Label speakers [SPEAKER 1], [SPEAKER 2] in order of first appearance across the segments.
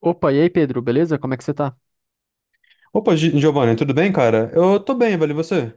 [SPEAKER 1] Opa, e aí, Pedro, beleza? Como é que você tá?
[SPEAKER 2] Opa, Giovanni, tudo bem, cara? Eu tô bem, velho, e você?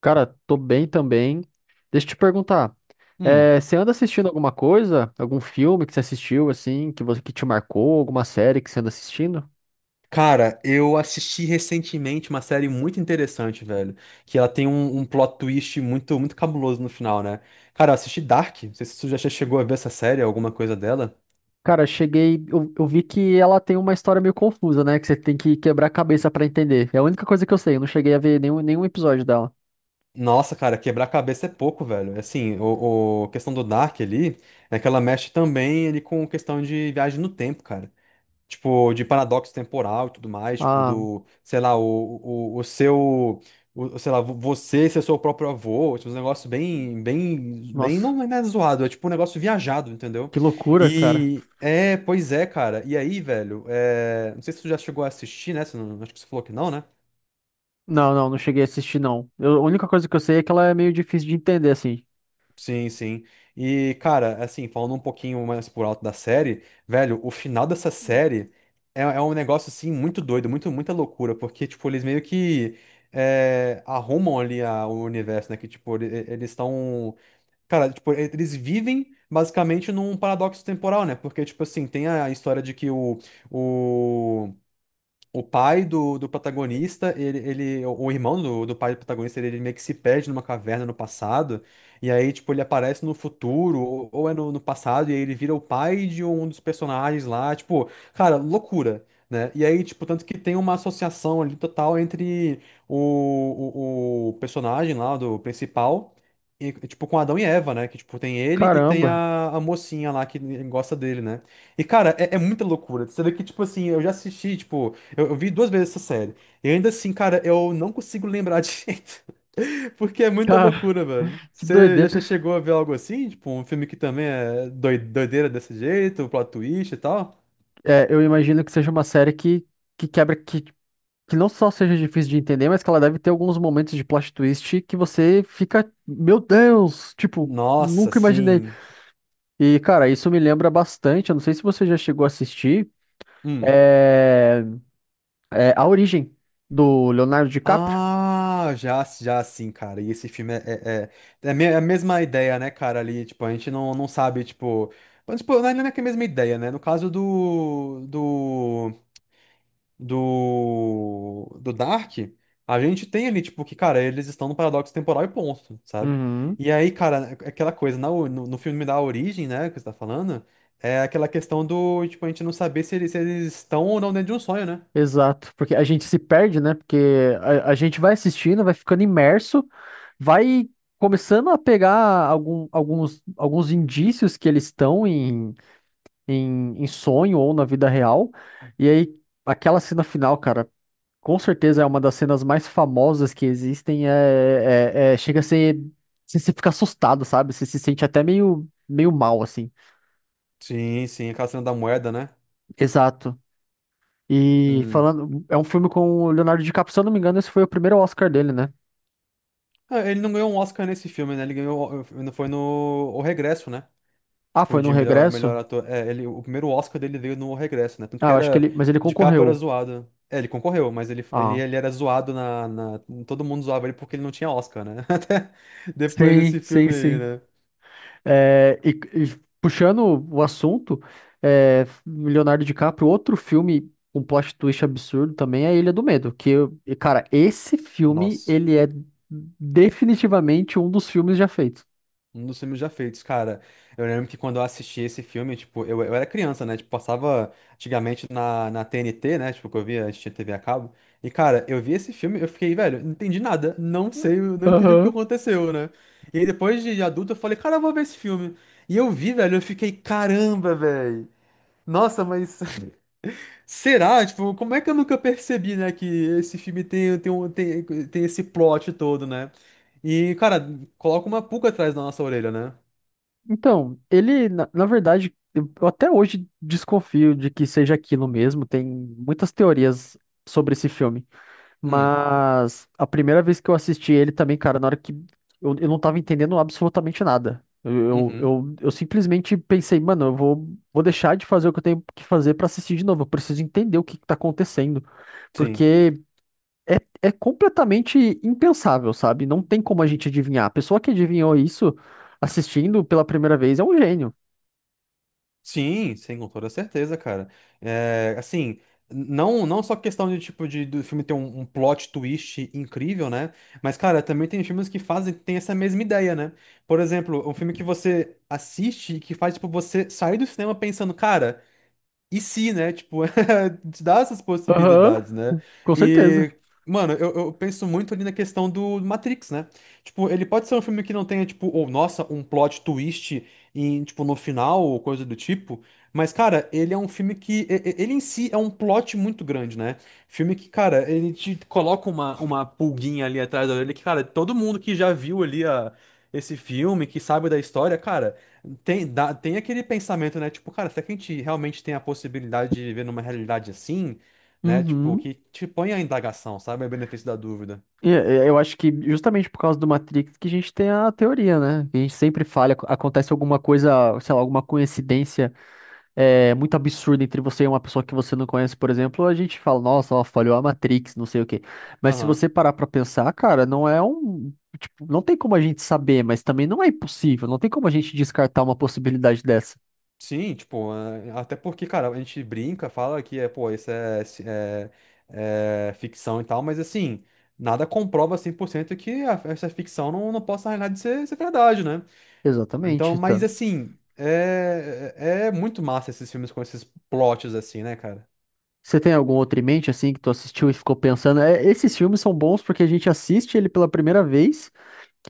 [SPEAKER 1] Cara, tô bem também. Deixa eu te perguntar,
[SPEAKER 2] Hum.
[SPEAKER 1] você anda assistindo alguma coisa? Algum filme que você assistiu, assim, que você que te marcou? Alguma série que você anda assistindo?
[SPEAKER 2] Cara, eu assisti recentemente uma série muito interessante, velho. Que ela tem um plot twist muito, muito cabuloso no final, né? Cara, eu assisti Dark. Não sei se tu já chegou a ver essa série, alguma coisa dela.
[SPEAKER 1] Cara, cheguei, eu vi que ela tem uma história meio confusa, né? Que você tem que quebrar a cabeça pra entender. É a única coisa que eu sei, eu não cheguei a ver nenhum episódio dela.
[SPEAKER 2] Nossa, cara, quebrar a cabeça é pouco, velho. Assim, a questão do Dark ali é que ela mexe também ali com questão de viagem no tempo, cara. Tipo, de paradoxo temporal e tudo mais, tipo,
[SPEAKER 1] Ah,
[SPEAKER 2] do, sei lá, o seu, o, sei lá, você ser seu próprio avô, tipo, um negócio bem, bem, bem,
[SPEAKER 1] nossa,
[SPEAKER 2] não é nada zoado, é tipo um negócio viajado, entendeu?
[SPEAKER 1] que loucura, cara.
[SPEAKER 2] Pois é, cara, e aí, velho, é, não sei se tu já chegou a assistir, né, se não, acho que você falou que não, né?
[SPEAKER 1] Não, não, não cheguei a assistir, não. A única coisa que eu sei é que ela é meio difícil de entender, assim.
[SPEAKER 2] Sim, sim. E, cara, assim, falando um pouquinho mais por alto da série, velho, o final dessa série é um negócio, assim, muito doido, muito, muita loucura, porque, tipo, eles meio que é, arrumam ali o universo, né? Que, tipo, eles estão. Cara, tipo, eles vivem basicamente num paradoxo temporal, né? Porque, tipo, assim, tem a história de que o, o o pai do protagonista, ele, o irmão do pai do protagonista, ele meio que se perde numa caverna no passado, e aí, tipo, ele aparece no futuro, ou é no passado, e aí ele vira o pai de um dos personagens lá, tipo, cara, loucura. Né? E aí, tipo, tanto que tem uma associação ali total entre o personagem lá do principal, e, tipo, com Adão e Eva, né? Que, tipo, tem ele e tem
[SPEAKER 1] Caramba,
[SPEAKER 2] a mocinha lá que gosta dele, né? E, cara, é muita loucura. Você vê que, tipo assim, eu já assisti, tipo, eu vi duas vezes essa série. E ainda assim, cara, eu não consigo lembrar direito. Porque é muita
[SPEAKER 1] cara,
[SPEAKER 2] loucura, velho.
[SPEAKER 1] que
[SPEAKER 2] Você já
[SPEAKER 1] doideira.
[SPEAKER 2] chegou a ver algo assim? Tipo, um filme que também é doideira desse jeito, plot twist e tal?
[SPEAKER 1] É, eu imagino que seja uma série que quebra, que não só seja difícil de entender, mas que ela deve ter alguns momentos de plot twist que você fica, meu Deus, tipo,
[SPEAKER 2] Nossa,
[SPEAKER 1] nunca imaginei.
[SPEAKER 2] sim.
[SPEAKER 1] E, cara, isso me lembra bastante. Eu não sei se você já chegou a assistir,
[SPEAKER 2] Hum.
[SPEAKER 1] é, é A Origem, do Leonardo DiCaprio.
[SPEAKER 2] Ah, já, já sim, cara. E esse filme é, é é a mesma ideia, né, cara? Ali, tipo, a gente não, não sabe, tipo. Mas, tipo, não é que é a mesma ideia, né? No caso do Dark, a gente tem ali, tipo, que, cara, eles estão no paradoxo temporal e ponto, sabe?
[SPEAKER 1] Uhum.
[SPEAKER 2] E aí, cara, é aquela coisa, na no filme da Origem, né, que você tá falando, é aquela questão do, tipo, a gente não saber se eles estão ou não dentro de um sonho, né?
[SPEAKER 1] Exato, porque a gente se perde, né? Porque a gente vai assistindo, vai ficando imerso, vai começando a pegar alguns, alguns indícios que eles estão em, em sonho ou na vida real. E aí, aquela cena final, cara, com certeza é uma das cenas mais famosas que existem. Chega a ser. Você se fica assustado, sabe? Você se sente até meio, meio mal, assim.
[SPEAKER 2] Sim, sim, aquela cena da moeda, né?
[SPEAKER 1] Exato. E
[SPEAKER 2] Hum.
[SPEAKER 1] falando. É um filme com o Leonardo DiCaprio, se eu não me engano, esse foi o primeiro Oscar dele, né?
[SPEAKER 2] Ah, ele não ganhou um Oscar nesse filme, né? Ele ganhou, foi no O Regresso, né?
[SPEAKER 1] Ah,
[SPEAKER 2] Tipo,
[SPEAKER 1] foi no
[SPEAKER 2] de melhor
[SPEAKER 1] Regresso?
[SPEAKER 2] ator. É, ele, o primeiro Oscar dele veio no O Regresso, né? Tanto
[SPEAKER 1] Ah,
[SPEAKER 2] que
[SPEAKER 1] eu acho que
[SPEAKER 2] era.
[SPEAKER 1] ele. Mas ele
[SPEAKER 2] De capa era
[SPEAKER 1] concorreu.
[SPEAKER 2] zoado. É, ele concorreu, mas ele, ele,
[SPEAKER 1] Ah.
[SPEAKER 2] ele era zoado na. Todo mundo zoava ele porque ele não tinha Oscar, né? Até depois
[SPEAKER 1] Sim,
[SPEAKER 2] desse
[SPEAKER 1] sim,
[SPEAKER 2] filme aí,
[SPEAKER 1] sim.
[SPEAKER 2] né?
[SPEAKER 1] É, e puxando o assunto, Leonardo DiCaprio, outro filme com plot twist absurdo também é Ilha do Medo. Cara, esse filme,
[SPEAKER 2] Nossa.
[SPEAKER 1] ele é definitivamente um dos filmes já feitos.
[SPEAKER 2] Um dos filmes já feitos, cara. Eu lembro que quando eu assisti esse filme, tipo, eu era criança, né? Tipo, passava antigamente na TNT, né? Tipo, que eu via, a gente tinha TV a cabo. E, cara, eu vi esse filme, eu fiquei, velho, não entendi nada. Não sei, eu não entendi o que
[SPEAKER 1] Aham.
[SPEAKER 2] aconteceu, né? E aí, depois de adulto, eu falei, cara, eu vou ver esse filme. E eu vi, velho, eu fiquei, caramba, velho. Nossa, mas. Será? Tipo, como é que eu nunca percebi, né? Que esse filme tem esse plot todo, né? E, cara, coloca uma pulga atrás da nossa orelha, né?
[SPEAKER 1] Então, ele, na verdade, eu até hoje desconfio de que seja aquilo mesmo. Tem muitas teorias sobre esse filme.
[SPEAKER 2] Hum,
[SPEAKER 1] Mas a primeira vez que eu assisti ele também, cara, na hora que eu não tava entendendo absolutamente nada. Eu, eu,
[SPEAKER 2] uhum,
[SPEAKER 1] eu, eu simplesmente pensei, mano, vou deixar de fazer o que eu tenho que fazer pra assistir de novo. Eu preciso entender o que que tá acontecendo.
[SPEAKER 2] sim.
[SPEAKER 1] Porque É, é completamente impensável, sabe? Não tem como a gente adivinhar. A pessoa que adivinhou isso assistindo pela primeira vez é um gênio.
[SPEAKER 2] Sim, sim, com toda certeza, cara. É, assim, não, não só questão de tipo de do filme ter um plot twist incrível, né? Mas, cara, também tem filmes que fazem, tem essa mesma ideia, né? Por exemplo, um filme que você assiste e que faz, tipo, você sair do cinema pensando, cara. E se, né? Tipo, te dá essas
[SPEAKER 1] Aham.
[SPEAKER 2] possibilidades, né?
[SPEAKER 1] Com certeza.
[SPEAKER 2] E, mano, eu penso muito ali na questão do Matrix, né? Tipo, ele pode ser um filme que não tenha, tipo, ou nossa, um plot twist em, tipo, no final ou coisa do tipo. Mas, cara, ele é um filme que. Ele em si é um plot muito grande, né? Filme que, cara, ele te coloca uma pulguinha ali atrás da orelha que, cara, todo mundo que já viu ali esse filme, que sabe da história, cara. Tem, tem aquele pensamento, né? Tipo, cara, será que a gente realmente tem a possibilidade de viver numa realidade assim, né? Tipo,
[SPEAKER 1] Uhum.
[SPEAKER 2] que te põe a indagação, sabe? O benefício da dúvida.
[SPEAKER 1] Eu acho que justamente por causa do Matrix que a gente tem a teoria, né? Que a gente sempre falha, acontece alguma coisa, sei lá, alguma coincidência muito absurda entre você e uma pessoa que você não conhece. Por exemplo, a gente fala, nossa, ó, falhou a Matrix, não sei o quê. Mas se
[SPEAKER 2] Aham.
[SPEAKER 1] você parar pra pensar, cara, não é um. Tipo, não tem como a gente saber, mas também não é impossível. Não tem como a gente descartar uma possibilidade dessa.
[SPEAKER 2] Sim, tipo, é, até porque, cara, a gente brinca, fala que é, pô, isso é, é ficção e tal, mas assim, nada comprova 100% que essa ficção não, não possa, na realidade, ser verdade, né? Então,
[SPEAKER 1] Exatamente,
[SPEAKER 2] mas
[SPEAKER 1] Tan.
[SPEAKER 2] assim, é, é muito massa esses filmes com esses plots assim, né, cara?
[SPEAKER 1] Você tem algum outro em mente, assim, que tu assistiu e ficou pensando? É, esses filmes são bons porque a gente assiste ele pela primeira vez.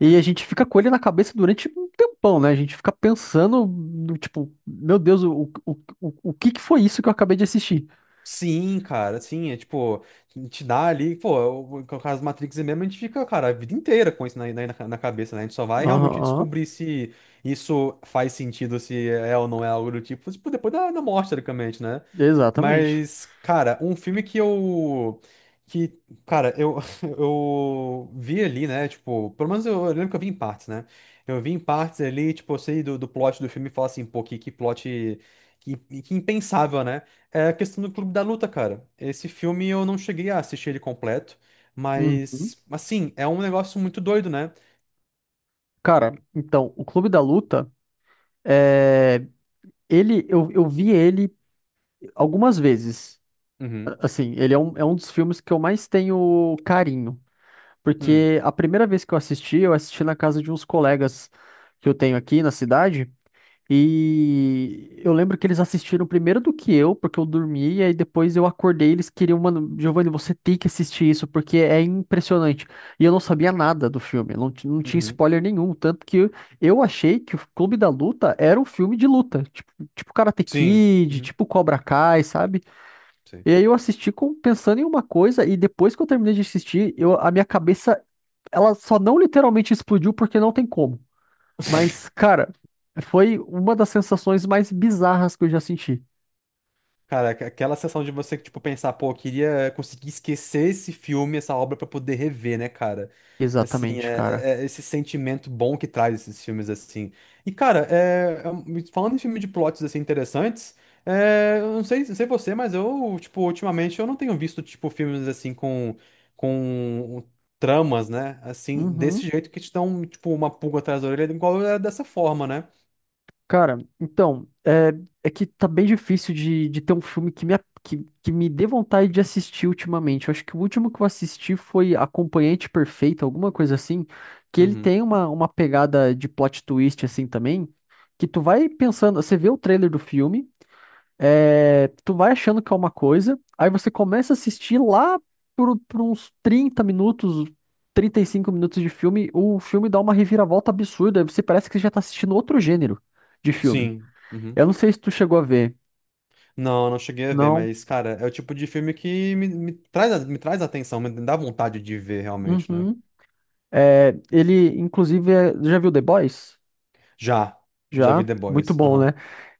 [SPEAKER 1] E a gente fica com ele na cabeça durante um tempão, né? A gente fica pensando, no tipo, meu Deus, o que que foi isso que eu acabei de assistir?
[SPEAKER 2] Sim, cara, sim, é tipo, te dá ali, pô, o caso Matrix mesmo, a gente fica, cara, a vida inteira com isso na, na cabeça, né? A gente só vai
[SPEAKER 1] Aham,
[SPEAKER 2] realmente
[SPEAKER 1] aham,
[SPEAKER 2] descobrir se isso faz sentido, se é ou não é algo do tipo, tipo, depois da morte, teoricamente, né?
[SPEAKER 1] exatamente.
[SPEAKER 2] Mas, cara, um filme que, cara, eu, eu vi ali, né, tipo, pelo menos eu lembro que eu vi em partes, né? Eu vi em partes ali, tipo, eu sei do plot do filme e falo assim, pô, que, que impensável, né? É a questão do Clube da Luta, cara. Esse filme eu não cheguei a assistir ele completo,
[SPEAKER 1] Uhum.
[SPEAKER 2] mas, assim, é um negócio muito doido, né?
[SPEAKER 1] Cara, então, o Clube da Luta, é, eu vi ele algumas vezes.
[SPEAKER 2] Uhum,
[SPEAKER 1] A- Assim, ele é é um dos filmes que eu mais tenho carinho.
[SPEAKER 2] hum,
[SPEAKER 1] Porque a primeira vez que eu assisti na casa de uns colegas que eu tenho aqui na cidade. E eu lembro que eles assistiram primeiro do que eu, porque eu dormi, e aí depois eu acordei, e eles queriam, mano, Giovanni, você tem que assistir isso, porque é impressionante. E eu não sabia nada do filme, não, não tinha
[SPEAKER 2] uhum,
[SPEAKER 1] spoiler nenhum, tanto que eu achei que o Clube da Luta era um filme de luta, tipo, tipo Karate
[SPEAKER 2] sim,
[SPEAKER 1] Kid,
[SPEAKER 2] uhum,
[SPEAKER 1] tipo Cobra Kai, sabe?
[SPEAKER 2] sei.
[SPEAKER 1] E aí eu assisti com, pensando em uma coisa, e depois que eu terminei de assistir, eu, a minha cabeça, ela só não literalmente explodiu, porque não tem como. Mas, cara, foi uma das sensações mais bizarras que eu já senti.
[SPEAKER 2] Cara, aquela sensação de você, tipo, pensar, pô, eu queria conseguir esquecer esse filme, essa obra, pra poder rever, né, cara? Assim,
[SPEAKER 1] Exatamente, cara.
[SPEAKER 2] é, é esse sentimento bom que traz esses filmes, assim. E, cara, é, é falando em filme de plots, assim, interessantes, é, eu não sei, não sei você, mas eu, tipo, ultimamente eu não tenho visto, tipo, filmes, assim, com tramas, né? Assim, desse
[SPEAKER 1] Uhum.
[SPEAKER 2] jeito que te dão, tipo, uma pulga atrás da orelha, igual é dessa forma, né?
[SPEAKER 1] Cara, então, é que tá bem difícil de ter um filme que me dê vontade de assistir ultimamente. Eu acho que o último que eu assisti foi Acompanhante Perfeito, alguma coisa assim, que ele
[SPEAKER 2] Uhum.
[SPEAKER 1] tem uma pegada de plot twist assim também, que tu vai pensando. Você vê o trailer do filme. É, tu vai achando que é uma coisa, aí você começa a assistir lá por uns 30 minutos, 35 minutos de filme. O filme dá uma reviravolta absurda, aí você parece que já tá assistindo outro gênero de filme.
[SPEAKER 2] Sim. Uhum.
[SPEAKER 1] Eu não sei se tu chegou a ver.
[SPEAKER 2] Não, não cheguei a ver,
[SPEAKER 1] Não.
[SPEAKER 2] mas, cara, é o tipo de filme que me traz, me traz atenção, me dá vontade de ver realmente, né?
[SPEAKER 1] Uhum. É, ele, inclusive, já viu The Boys?
[SPEAKER 2] Já, já vi
[SPEAKER 1] Já,
[SPEAKER 2] The
[SPEAKER 1] muito
[SPEAKER 2] Boys,
[SPEAKER 1] bom,
[SPEAKER 2] aham.
[SPEAKER 1] né?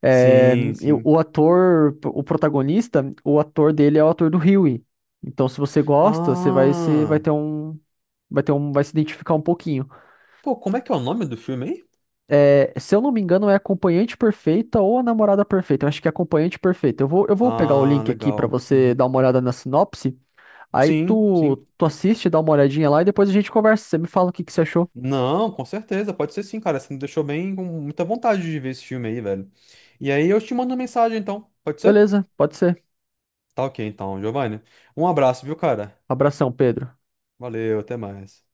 [SPEAKER 1] É,
[SPEAKER 2] Sim,
[SPEAKER 1] e
[SPEAKER 2] sim.
[SPEAKER 1] o ator, o protagonista, o ator dele é o ator do Huey. Então, se você gosta, você vai se, vai
[SPEAKER 2] Ah,
[SPEAKER 1] ter vai ter um, vai se identificar um pouquinho.
[SPEAKER 2] pô, como é que é o nome do filme, hein?
[SPEAKER 1] É, se eu não me engano, é Acompanhante Perfeita ou A Namorada Perfeita. Eu acho que é Acompanhante Perfeita. Eu vou pegar o
[SPEAKER 2] Ah,
[SPEAKER 1] link aqui pra
[SPEAKER 2] legal.
[SPEAKER 1] você
[SPEAKER 2] Uhum.
[SPEAKER 1] dar uma olhada na sinopse. Aí
[SPEAKER 2] Sim, sim.
[SPEAKER 1] tu assiste, dá uma olhadinha lá e depois a gente conversa. Você me fala o que que você achou.
[SPEAKER 2] Não, com certeza, pode ser sim, cara, você me deixou bem com muita vontade de ver esse filme aí, velho. E aí eu te mando uma mensagem, então, pode ser?
[SPEAKER 1] Beleza, pode ser.
[SPEAKER 2] Tá ok, então, Giovanni. Um abraço, viu, cara?
[SPEAKER 1] Abração, Pedro.
[SPEAKER 2] Valeu, até mais.